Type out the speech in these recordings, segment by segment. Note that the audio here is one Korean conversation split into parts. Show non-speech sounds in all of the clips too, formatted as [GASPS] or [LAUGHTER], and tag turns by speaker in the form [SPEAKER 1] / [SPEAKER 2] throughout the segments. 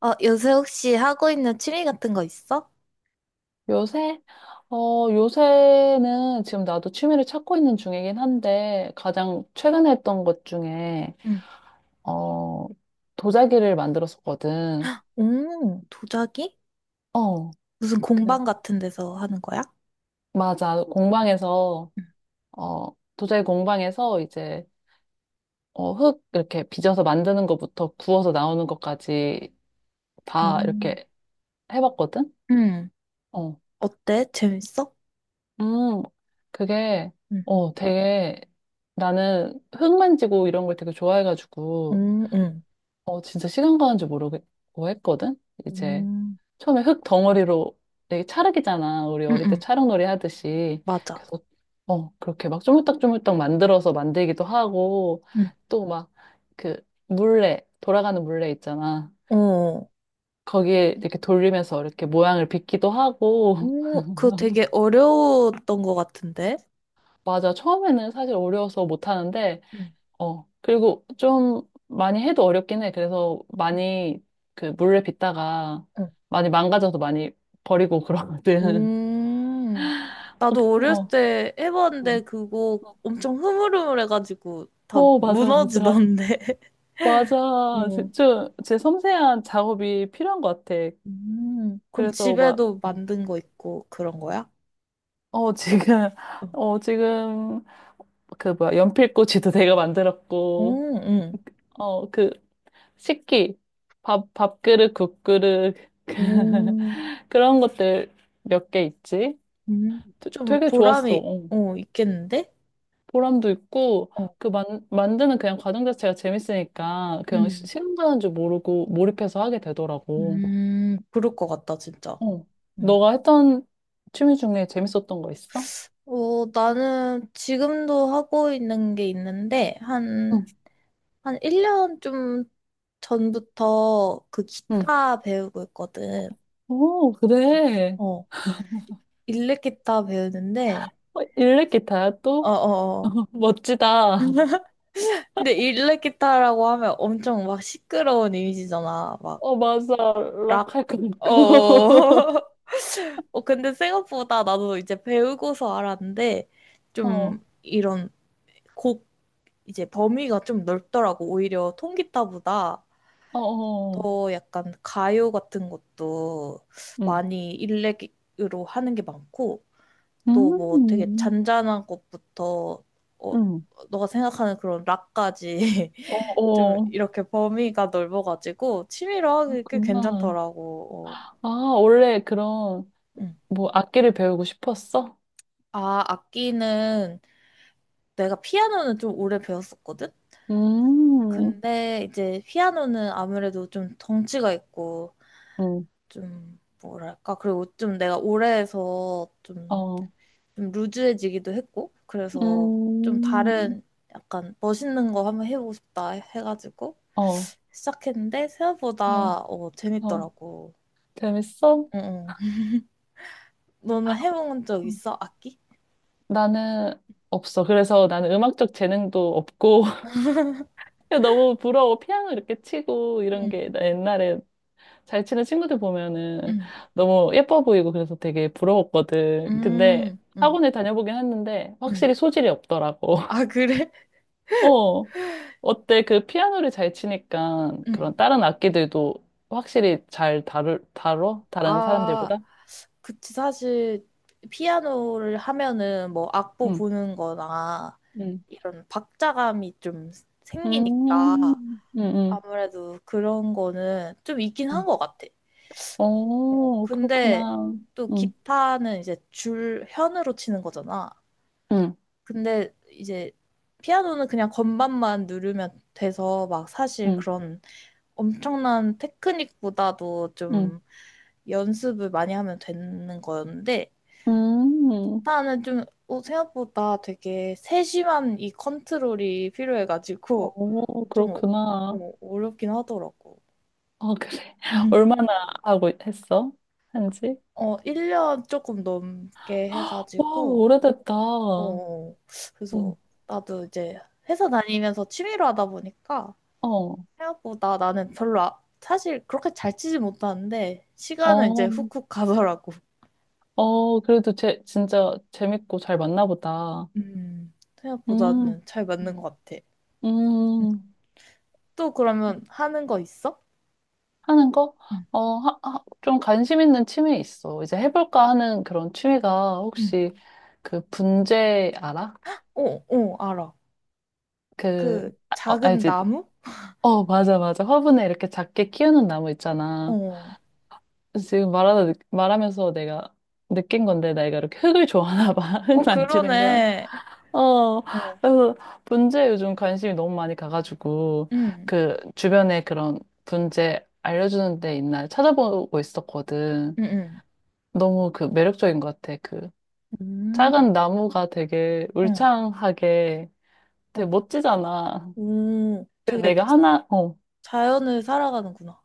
[SPEAKER 1] 요새 혹시 하고 있는 취미 같은 거 있어?
[SPEAKER 2] 요새? 요새는 지금 나도 취미를 찾고 있는 중이긴 한데, 가장 최근에 했던 것 중에,
[SPEAKER 1] 응,
[SPEAKER 2] 어, 도자기를 만들었었거든.
[SPEAKER 1] 오, 도자기?
[SPEAKER 2] 어,
[SPEAKER 1] 무슨
[SPEAKER 2] 그,
[SPEAKER 1] 공방 같은 데서 하는 거야?
[SPEAKER 2] 맞아. 공방에서,
[SPEAKER 1] 응,
[SPEAKER 2] 어, 도자기 공방에서 이제, 흙 이렇게 빚어서 만드는 것부터 구워서 나오는 것까지
[SPEAKER 1] 오.
[SPEAKER 2] 다 이렇게 해봤거든?
[SPEAKER 1] 응.
[SPEAKER 2] 어,
[SPEAKER 1] 어때? 재밌어?
[SPEAKER 2] 음, 그게,
[SPEAKER 1] 응,
[SPEAKER 2] 되게, 나는 흙 만지고 이런 걸 되게 좋아해가지고,
[SPEAKER 1] 응, 응.
[SPEAKER 2] 진짜 시간 가는 줄 모르고 했거든? 이제
[SPEAKER 1] 응.
[SPEAKER 2] 처음에 흙 덩어리로 되게 찰흙이잖아. 우리
[SPEAKER 1] 응,
[SPEAKER 2] 어릴 때
[SPEAKER 1] 응.
[SPEAKER 2] 찰흙놀이 하듯이.
[SPEAKER 1] 맞아.
[SPEAKER 2] 그래서, 그렇게 막 조물딱조물딱 만들어서 만들기도 하고,
[SPEAKER 1] 응,
[SPEAKER 2] 또 막 그 물레, 돌아가는 물레 있잖아.
[SPEAKER 1] 어.
[SPEAKER 2] 거기에 이렇게 돌리면서 이렇게 모양을 빚기도 하고, [LAUGHS]
[SPEAKER 1] 오, 그거 되게 어려웠던 것 같은데?
[SPEAKER 2] 맞아. 처음에는 사실 어려워서 못 하는데,
[SPEAKER 1] 응,
[SPEAKER 2] 그리고 좀 많이 해도 어렵긴 해. 그래서
[SPEAKER 1] 응,
[SPEAKER 2] 많이 그 물을 빚다가
[SPEAKER 1] 응.
[SPEAKER 2] 많이 망가져서 많이 버리고 그러거든.
[SPEAKER 1] 음. 나도
[SPEAKER 2] [LAUGHS]
[SPEAKER 1] 어렸을
[SPEAKER 2] 어.
[SPEAKER 1] 때
[SPEAKER 2] 음.
[SPEAKER 1] 해봤는데 그거 엄청 흐물흐물해가지고 다
[SPEAKER 2] 맞아, 맞아.
[SPEAKER 1] 무너지던데. [LAUGHS]
[SPEAKER 2] 맞아.
[SPEAKER 1] 어.
[SPEAKER 2] 진짜 제 섬세한 작업이 필요한 것 같아.
[SPEAKER 1] 그럼
[SPEAKER 2] 그래서 막,
[SPEAKER 1] 집에도
[SPEAKER 2] 음.
[SPEAKER 1] 만든 거 있고 그런 거야?
[SPEAKER 2] 어, 지금,
[SPEAKER 1] 어.
[SPEAKER 2] [LAUGHS] 지금, 그 뭐야, 연필꽂이도 내가 만들었고,
[SPEAKER 1] 오, 응.
[SPEAKER 2] 어, 그, 식기, 밥그릇, 국그릇, [LAUGHS]
[SPEAKER 1] 오,
[SPEAKER 2] 그런 것들 몇 개 있지.
[SPEAKER 1] 음, 좀
[SPEAKER 2] 되게 좋았어.
[SPEAKER 1] 보람이
[SPEAKER 2] 어.
[SPEAKER 1] 있겠는데?
[SPEAKER 2] 보람도 있고,
[SPEAKER 1] 어.
[SPEAKER 2] 그 만, 만드는 그냥 과정 자체가 재밌으니까, 그냥
[SPEAKER 1] 음,
[SPEAKER 2] 시간 가는 줄 모르고 몰입해서 하게 되더라고.
[SPEAKER 1] 그럴 것 같다, 진짜.
[SPEAKER 2] 어.
[SPEAKER 1] 음.
[SPEAKER 2] 너가 했던 취미 중에 재밌었던 거 있어?
[SPEAKER 1] 나는 지금도 하고 있는 게 있는데,
[SPEAKER 2] 응,
[SPEAKER 1] 한 1년 좀 전부터 그
[SPEAKER 2] 응.
[SPEAKER 1] 기타 배우고 있거든.
[SPEAKER 2] 오, 그래.
[SPEAKER 1] 어, 일렉 기타 배우는데,
[SPEAKER 2] 어, 일렉 기타야, 또?
[SPEAKER 1] 어어어.
[SPEAKER 2] [LAUGHS] 멋지다.
[SPEAKER 1] 근데 일렉 기타라고 하면 엄청 막 시끄러운 이미지잖아. 막
[SPEAKER 2] 어, 맞아.
[SPEAKER 1] 락.
[SPEAKER 2] 락할 거
[SPEAKER 1] 어.
[SPEAKER 2] 같고. [LAUGHS]
[SPEAKER 1] [LAUGHS] 근데 생각보다 나도 이제 배우고서 알았는데 좀
[SPEAKER 2] 어,
[SPEAKER 1] 이런 곡 이제 범위가 좀 넓더라고. 오히려 통기타보다
[SPEAKER 2] 어, 어.
[SPEAKER 1] 더 약간 가요 같은 것도
[SPEAKER 2] 응.
[SPEAKER 1] 많이 일렉으로 하는 게 많고 또 뭐 되게
[SPEAKER 2] 음,
[SPEAKER 1] 잔잔한 것부터 어,
[SPEAKER 2] 응.
[SPEAKER 1] 너가 생각하는 그런 락까지
[SPEAKER 2] 어,
[SPEAKER 1] [LAUGHS] 좀
[SPEAKER 2] 어.
[SPEAKER 1] 이렇게 범위가 넓어가지고 취미로 하기 꽤
[SPEAKER 2] 그렇구나.
[SPEAKER 1] 괜찮더라고. 어,
[SPEAKER 2] 아, 원래 그런
[SPEAKER 1] 응.
[SPEAKER 2] 뭐 악기를 배우고 싶었어?
[SPEAKER 1] 아, 악기는 내가 피아노는 좀 오래 배웠었거든?
[SPEAKER 2] 음,
[SPEAKER 1] 근데 이제 피아노는 아무래도 좀 덩치가 있고
[SPEAKER 2] 응.
[SPEAKER 1] 좀 뭐랄까 그리고 좀 내가 오래 해서 좀,
[SPEAKER 2] 어,
[SPEAKER 1] 좀 루즈해지기도 했고 그래서 좀
[SPEAKER 2] 음,
[SPEAKER 1] 다른 약간 멋있는 거 한번 해보고 싶다 해가지고
[SPEAKER 2] 어,
[SPEAKER 1] 시작했는데
[SPEAKER 2] 어,
[SPEAKER 1] 생각보다
[SPEAKER 2] 어.
[SPEAKER 1] 재밌더라고.
[SPEAKER 2] 재밌어?
[SPEAKER 1] 응, 응. 너는 해본 적
[SPEAKER 2] 음.
[SPEAKER 1] 있어? 악기?
[SPEAKER 2] 나는 없어. 그래서 나는 음악적 재능도 없고 [LAUGHS] 그냥 너무 부러워. 피아노 이렇게 치고 이런
[SPEAKER 1] 응,
[SPEAKER 2] 게나 옛날에 잘 치는 친구들 보면은
[SPEAKER 1] 응,
[SPEAKER 2] 너무 예뻐 보이고 그래서 되게 부러웠거든. 근데
[SPEAKER 1] 응,
[SPEAKER 2] 학원에 다녀보긴 했는데
[SPEAKER 1] 응.
[SPEAKER 2] 확실히 소질이 없더라고.
[SPEAKER 1] 아,
[SPEAKER 2] [LAUGHS]
[SPEAKER 1] 그래?
[SPEAKER 2] 어. 어때? 그 피아노를 잘 치니까
[SPEAKER 1] [LAUGHS] 응.
[SPEAKER 2] 그런 다른 악기들도 확실히 잘 다루 다뤄? 다른
[SPEAKER 1] 아,
[SPEAKER 2] 사람들보다?
[SPEAKER 1] 그치. 사실, 피아노를 하면은 뭐 악보
[SPEAKER 2] 응,
[SPEAKER 1] 보는 거나
[SPEAKER 2] 응,
[SPEAKER 1] 이런 박자감이 좀
[SPEAKER 2] 음,
[SPEAKER 1] 생기니까
[SPEAKER 2] 응, 응.
[SPEAKER 1] 아무래도 그런 거는 좀 있긴
[SPEAKER 2] 응.
[SPEAKER 1] 한 것 같아.
[SPEAKER 2] 어,
[SPEAKER 1] 근데
[SPEAKER 2] 그렇구나.
[SPEAKER 1] 또
[SPEAKER 2] 응,
[SPEAKER 1] 기타는 이제 줄, 현으로 치는 거잖아.
[SPEAKER 2] 응,
[SPEAKER 1] 근데 이제 피아노는 그냥 건반만 누르면 돼서 막 사실
[SPEAKER 2] 응,
[SPEAKER 1] 그런 엄청난 테크닉보다도
[SPEAKER 2] 응,
[SPEAKER 1] 좀 연습을 많이 하면 되는 거였는데
[SPEAKER 2] 음,
[SPEAKER 1] 나는 좀 생각보다 되게 세심한 이 컨트롤이 필요해가지고
[SPEAKER 2] 어,
[SPEAKER 1] 좀
[SPEAKER 2] 그렇구나.
[SPEAKER 1] 어렵긴 하더라고.
[SPEAKER 2] 어, 그래. [LAUGHS] 얼마나
[SPEAKER 1] [LAUGHS]
[SPEAKER 2] 하고 했어? 한지?
[SPEAKER 1] 1년 조금 넘게
[SPEAKER 2] 와,
[SPEAKER 1] 해가지고
[SPEAKER 2] 오래됐다.
[SPEAKER 1] 어, 그래서
[SPEAKER 2] 응,
[SPEAKER 1] 나도 이제 회사 다니면서 취미로 하다 보니까
[SPEAKER 2] 어,
[SPEAKER 1] 생각보다 나는 별로 사실 그렇게 잘 치지 못하는데 시간은 이제
[SPEAKER 2] 어,
[SPEAKER 1] 훅훅 가더라고.
[SPEAKER 2] 어, 그래도 진짜 재밌고 잘 맞나 보다. 음.
[SPEAKER 1] 생각보다는 잘 맞는 것 같아. 음.
[SPEAKER 2] 음,
[SPEAKER 1] 또 그러면 하는 거 있어?
[SPEAKER 2] 하는 거?
[SPEAKER 1] 응,
[SPEAKER 2] 어, 좀 관심 있는 취미 있어. 이제 해볼까 하는 그런 취미가
[SPEAKER 1] 응.
[SPEAKER 2] 혹시 그 분재 알아?
[SPEAKER 1] 어, 어, 알아.
[SPEAKER 2] 그,
[SPEAKER 1] 그
[SPEAKER 2] 아, 어,
[SPEAKER 1] 작은
[SPEAKER 2] 알지?
[SPEAKER 1] 나무?
[SPEAKER 2] 어, 맞아, 맞아. 화분에 이렇게 작게 키우는 나무 있잖아.
[SPEAKER 1] 어,
[SPEAKER 2] 말하면서 내가 느낀 건데, 내가 이렇게 흙을 좋아하나 봐. [LAUGHS] 흙
[SPEAKER 1] 어,
[SPEAKER 2] 만지는 걸.
[SPEAKER 1] 그러네.
[SPEAKER 2] 어,
[SPEAKER 1] 어,
[SPEAKER 2] 그래서 분재 요즘 관심이 너무 많이 가가지고,
[SPEAKER 1] 응,
[SPEAKER 2] 그 주변에 그런 분재 알려주는 데 있나 찾아보고 있었거든.
[SPEAKER 1] 응, 응.
[SPEAKER 2] 너무 그 매력적인 것 같아. 그
[SPEAKER 1] 음.
[SPEAKER 2] 작은 나무가 되게
[SPEAKER 1] 어,
[SPEAKER 2] 울창하게 되게
[SPEAKER 1] 어.
[SPEAKER 2] 멋지잖아.
[SPEAKER 1] 오,
[SPEAKER 2] 그래서
[SPEAKER 1] 되게
[SPEAKER 2] 내가 하나, 어,
[SPEAKER 1] 자연을 살아가는구나.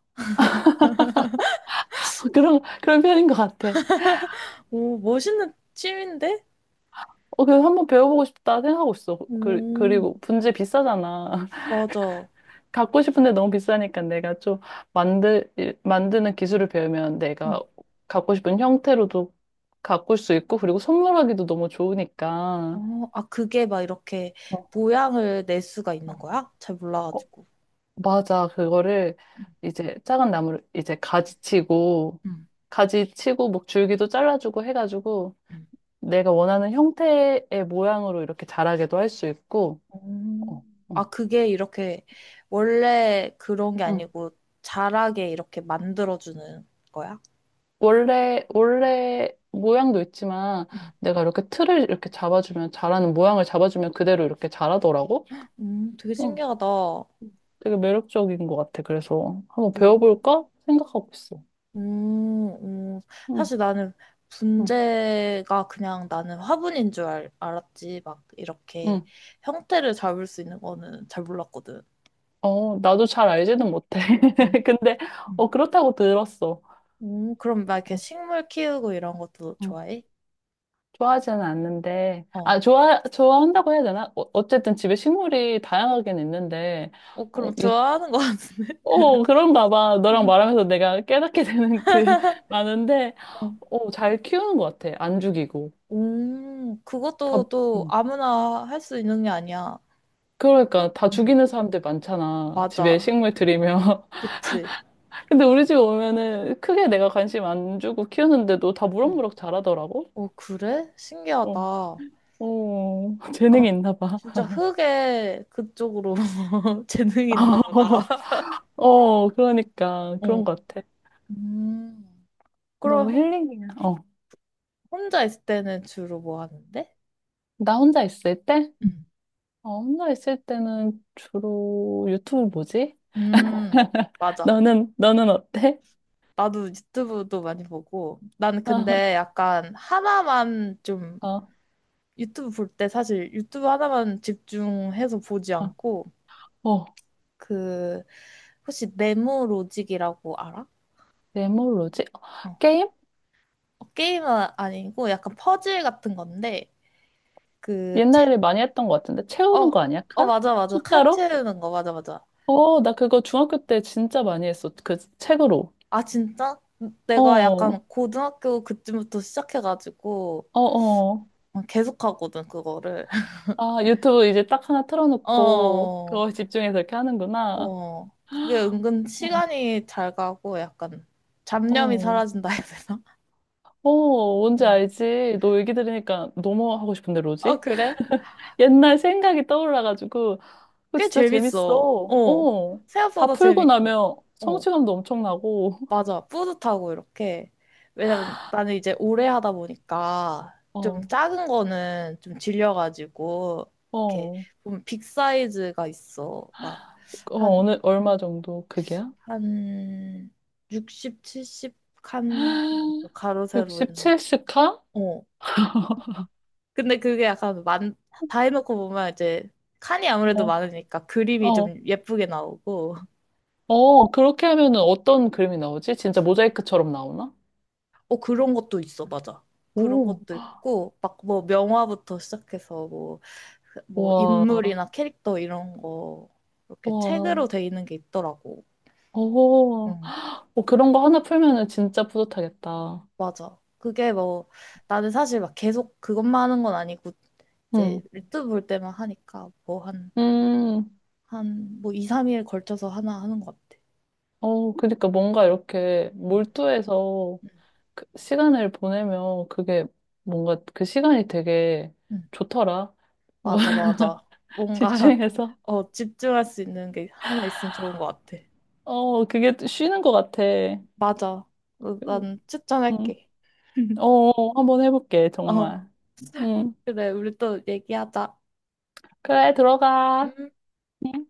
[SPEAKER 2] [LAUGHS] 그런, 그런 편인 것 같아.
[SPEAKER 1] 오, 멋있는 취미인데?
[SPEAKER 2] 어, 그래서 한번 배워보고 싶다 생각하고 있어. 그,
[SPEAKER 1] 오,
[SPEAKER 2] 그리고 분재 비싸잖아. [LAUGHS]
[SPEAKER 1] 맞아.
[SPEAKER 2] 갖고 싶은데 너무 비싸니까 내가 좀 만드는 기술을 배우면
[SPEAKER 1] 응.
[SPEAKER 2] 내가 갖고 싶은 형태로도 가꿀 수 있고, 그리고 선물하기도 너무 좋으니까.
[SPEAKER 1] 어, 아, 그게 막 이렇게
[SPEAKER 2] 어,
[SPEAKER 1] 모양을 낼 수가 있는
[SPEAKER 2] 어.
[SPEAKER 1] 거야? 잘 몰라가지고.
[SPEAKER 2] 맞아. 그거를
[SPEAKER 1] 응,
[SPEAKER 2] 이제 작은 나무를 이제 가지치고,
[SPEAKER 1] 응,
[SPEAKER 2] 가지치고, 뭐 줄기도 잘라주고 해가지고,
[SPEAKER 1] 응.
[SPEAKER 2] 내가 원하는 형태의 모양으로 이렇게 자라게도 할 수 있고,
[SPEAKER 1] 음.
[SPEAKER 2] 어, 응,
[SPEAKER 1] 아, 그게 이렇게 원래 그런 게
[SPEAKER 2] 응.
[SPEAKER 1] 아니고 자라게 이렇게 만들어주는 거야?
[SPEAKER 2] 원래 모양도 있지만,
[SPEAKER 1] 응.
[SPEAKER 2] 내가 이렇게 틀을 이렇게 잡아주면, 자라는 모양을 잡아주면 그대로 이렇게 자라더라고?
[SPEAKER 1] 되게
[SPEAKER 2] 응,
[SPEAKER 1] 신기하다.
[SPEAKER 2] 되게 매력적인 것 같아. 그래서 한번
[SPEAKER 1] 그리고,
[SPEAKER 2] 배워볼까? 생각하고 있어.
[SPEAKER 1] 음, 음,
[SPEAKER 2] 응,
[SPEAKER 1] 사실 나는
[SPEAKER 2] 응,
[SPEAKER 1] 분재가 그냥 나는 화분인 줄 알았지. 막 이렇게
[SPEAKER 2] 응.
[SPEAKER 1] 형태를 잡을 수 있는 거는 잘 몰랐거든.
[SPEAKER 2] 어, 나도 잘 알지는 못해.
[SPEAKER 1] 음,
[SPEAKER 2] [LAUGHS] 근데,
[SPEAKER 1] 음.
[SPEAKER 2] 어, 그렇다고 들었어.
[SPEAKER 1] 그럼 막 이렇게
[SPEAKER 2] 어,
[SPEAKER 1] 식물 키우고 이런 것도
[SPEAKER 2] 어,
[SPEAKER 1] 좋아해?
[SPEAKER 2] 좋아하지는 않는데,
[SPEAKER 1] 어.
[SPEAKER 2] 좋아한다고 해야 되나? 어, 어쨌든 집에 식물이 다양하긴 있는데, 어,
[SPEAKER 1] 그럼
[SPEAKER 2] 이,
[SPEAKER 1] 좋아하는 거 같은데?
[SPEAKER 2] 어, 그런가 봐. 너랑 말하면서 내가 깨닫게 되는 그, [LAUGHS] 많은데,
[SPEAKER 1] [LAUGHS]
[SPEAKER 2] 어, 잘 키우는 것 같아. 안 죽이고. 다,
[SPEAKER 1] 그것도 또
[SPEAKER 2] 음.
[SPEAKER 1] 아무나 할 수 있는 게 아니야.
[SPEAKER 2] 그러니까, 다
[SPEAKER 1] 응,
[SPEAKER 2] 죽이는 사람들 많잖아. 집에
[SPEAKER 1] 맞아.
[SPEAKER 2] 식물 들이면.
[SPEAKER 1] 그치?
[SPEAKER 2] [LAUGHS] 근데 우리 집 오면은 크게 내가 관심 안 주고 키우는데도 다
[SPEAKER 1] 응.
[SPEAKER 2] 무럭무럭 자라더라고.
[SPEAKER 1] 그래?
[SPEAKER 2] 어.
[SPEAKER 1] 신기하다.
[SPEAKER 2] 어, [LAUGHS]
[SPEAKER 1] 약간
[SPEAKER 2] 재능이 있나 봐.
[SPEAKER 1] 진짜 흙에 그쪽으로 [LAUGHS] 재능이 있나 보다. [LAUGHS]
[SPEAKER 2] [LAUGHS] 어, 그러니까
[SPEAKER 1] 어,
[SPEAKER 2] 그런 것 같아.
[SPEAKER 1] 음,
[SPEAKER 2] 너무
[SPEAKER 1] 그럼
[SPEAKER 2] 힐링이야. 어,
[SPEAKER 1] 혼자 있을 때는 주로 뭐 하는데?
[SPEAKER 2] 나 혼자 있을 때?
[SPEAKER 1] 응,
[SPEAKER 2] 어, 혼자 있을 때는 주로 유튜브 보지?
[SPEAKER 1] 음, 맞아.
[SPEAKER 2] 너는 어때?
[SPEAKER 1] 나도 유튜브도 많이 보고. 난 근데
[SPEAKER 2] [LAUGHS]
[SPEAKER 1] 약간 하나만 좀
[SPEAKER 2] 어, 어,
[SPEAKER 1] 유튜브 볼 때 사실 유튜브 하나만 집중해서 보지
[SPEAKER 2] 어,
[SPEAKER 1] 않고
[SPEAKER 2] 어,
[SPEAKER 1] 그 혹시 네모로직이라고 알아?
[SPEAKER 2] 내 뭘로지? 어,
[SPEAKER 1] 어.
[SPEAKER 2] 게임?
[SPEAKER 1] 게임은 아니고 약간 퍼즐 같은 건데 그 채-
[SPEAKER 2] 옛날에 많이 했던 것 같은데. 채우는
[SPEAKER 1] 어,
[SPEAKER 2] 거 아니야?
[SPEAKER 1] 어
[SPEAKER 2] 칸?
[SPEAKER 1] 맞아 맞아 칸
[SPEAKER 2] 숫자로?
[SPEAKER 1] 채우는 거 맞아 맞아
[SPEAKER 2] 어, 나 그거 중학교 때 진짜 많이 했어. 그 책으로.
[SPEAKER 1] 아 진짜?
[SPEAKER 2] 어,
[SPEAKER 1] 내가
[SPEAKER 2] 어,
[SPEAKER 1] 약간 고등학교 그쯤부터 시작해가지고
[SPEAKER 2] 어.
[SPEAKER 1] 계속 하거든 그거를 [LAUGHS]
[SPEAKER 2] 아, 유튜브 이제 딱 하나 틀어놓고
[SPEAKER 1] 어,
[SPEAKER 2] 그거 집중해서 이렇게 하는구나.
[SPEAKER 1] 어 그게 은근
[SPEAKER 2] 어,
[SPEAKER 1] 시간이 잘 가고 약간 잡념이
[SPEAKER 2] 어,
[SPEAKER 1] 사라진다 해야 되나? [LAUGHS]
[SPEAKER 2] 어, 뭔지
[SPEAKER 1] 응.
[SPEAKER 2] 알지? 너 얘기 들으니까 너무 하고 싶은데,
[SPEAKER 1] 아
[SPEAKER 2] 로직?
[SPEAKER 1] 그래?
[SPEAKER 2] [LAUGHS] 옛날 생각이 떠올라가지고 그거
[SPEAKER 1] 꽤
[SPEAKER 2] 진짜
[SPEAKER 1] 재밌어
[SPEAKER 2] 재밌어. 어, 다
[SPEAKER 1] 생각보다
[SPEAKER 2] 풀고
[SPEAKER 1] 재밌고
[SPEAKER 2] 나면
[SPEAKER 1] 어.
[SPEAKER 2] 성취감도 엄청나고. [LAUGHS]
[SPEAKER 1] 맞아. 뿌듯하고 이렇게. 왜냐면 나는 이제 오래 하다 보니까
[SPEAKER 2] 어,
[SPEAKER 1] 좀 작은 거는 좀 질려가지고
[SPEAKER 2] 어,
[SPEAKER 1] 이렇게
[SPEAKER 2] 어,
[SPEAKER 1] 보면 빅 사이즈가 있어. 막 한,
[SPEAKER 2] 어느 얼마 정도 그게야?
[SPEAKER 1] 한 60, 70칸 가로
[SPEAKER 2] [GASPS]
[SPEAKER 1] 세로 있는.
[SPEAKER 2] 67스카?
[SPEAKER 1] 어. 근데 그게 약간 다 해놓고 보면 이제 칸이 아무래도
[SPEAKER 2] 어,
[SPEAKER 1] 많으니까 그림이
[SPEAKER 2] 어,
[SPEAKER 1] 좀 예쁘게 나오고.
[SPEAKER 2] 어, 그렇게 하면은 어떤 그림이 나오지? 진짜 모자이크처럼 나오나?
[SPEAKER 1] 그런 것도 있어. 맞아. 그런
[SPEAKER 2] 오,
[SPEAKER 1] 것도 있고 막 뭐 명화부터 시작해서 뭐 그뭐
[SPEAKER 2] 와.
[SPEAKER 1] 인물이나 캐릭터 이런 거 이렇게
[SPEAKER 2] 와,
[SPEAKER 1] 책으로 돼 있는 게 있더라고.
[SPEAKER 2] 오,
[SPEAKER 1] 응,
[SPEAKER 2] 어, 그런 거 하나 풀면은 진짜 뿌듯하겠다.
[SPEAKER 1] 맞아. 그게 뭐 나는 사실 막 계속 그것만 하는 건 아니고
[SPEAKER 2] 응,
[SPEAKER 1] 이제 유튜브 볼 때만 하니까 뭐 한,
[SPEAKER 2] 음,
[SPEAKER 1] 한, 뭐 2, 3일 걸쳐서 하나 하는 것 같아.
[SPEAKER 2] 어, 그러니까 뭔가 이렇게
[SPEAKER 1] 응,
[SPEAKER 2] 몰두해서
[SPEAKER 1] 응,
[SPEAKER 2] 그 시간을 보내면 그게 뭔가 그 시간이 되게
[SPEAKER 1] 응.
[SPEAKER 2] 좋더라. 뭐,
[SPEAKER 1] 맞아,
[SPEAKER 2] [LAUGHS]
[SPEAKER 1] 맞아. 뭔가 [LAUGHS]
[SPEAKER 2] 집중해서.
[SPEAKER 1] 집중할 수 있는 게 하나 있으면 좋은 것 같아.
[SPEAKER 2] 어, 그게 또 쉬는 것 같아.
[SPEAKER 1] 맞아. 난
[SPEAKER 2] 응,
[SPEAKER 1] 추천할게. [LAUGHS]
[SPEAKER 2] 어, 한번 해볼게,
[SPEAKER 1] 어,
[SPEAKER 2] 정말. 응,
[SPEAKER 1] 그래, 우리 또 얘기하자.
[SPEAKER 2] 그래, 들어가.
[SPEAKER 1] 음.
[SPEAKER 2] 음.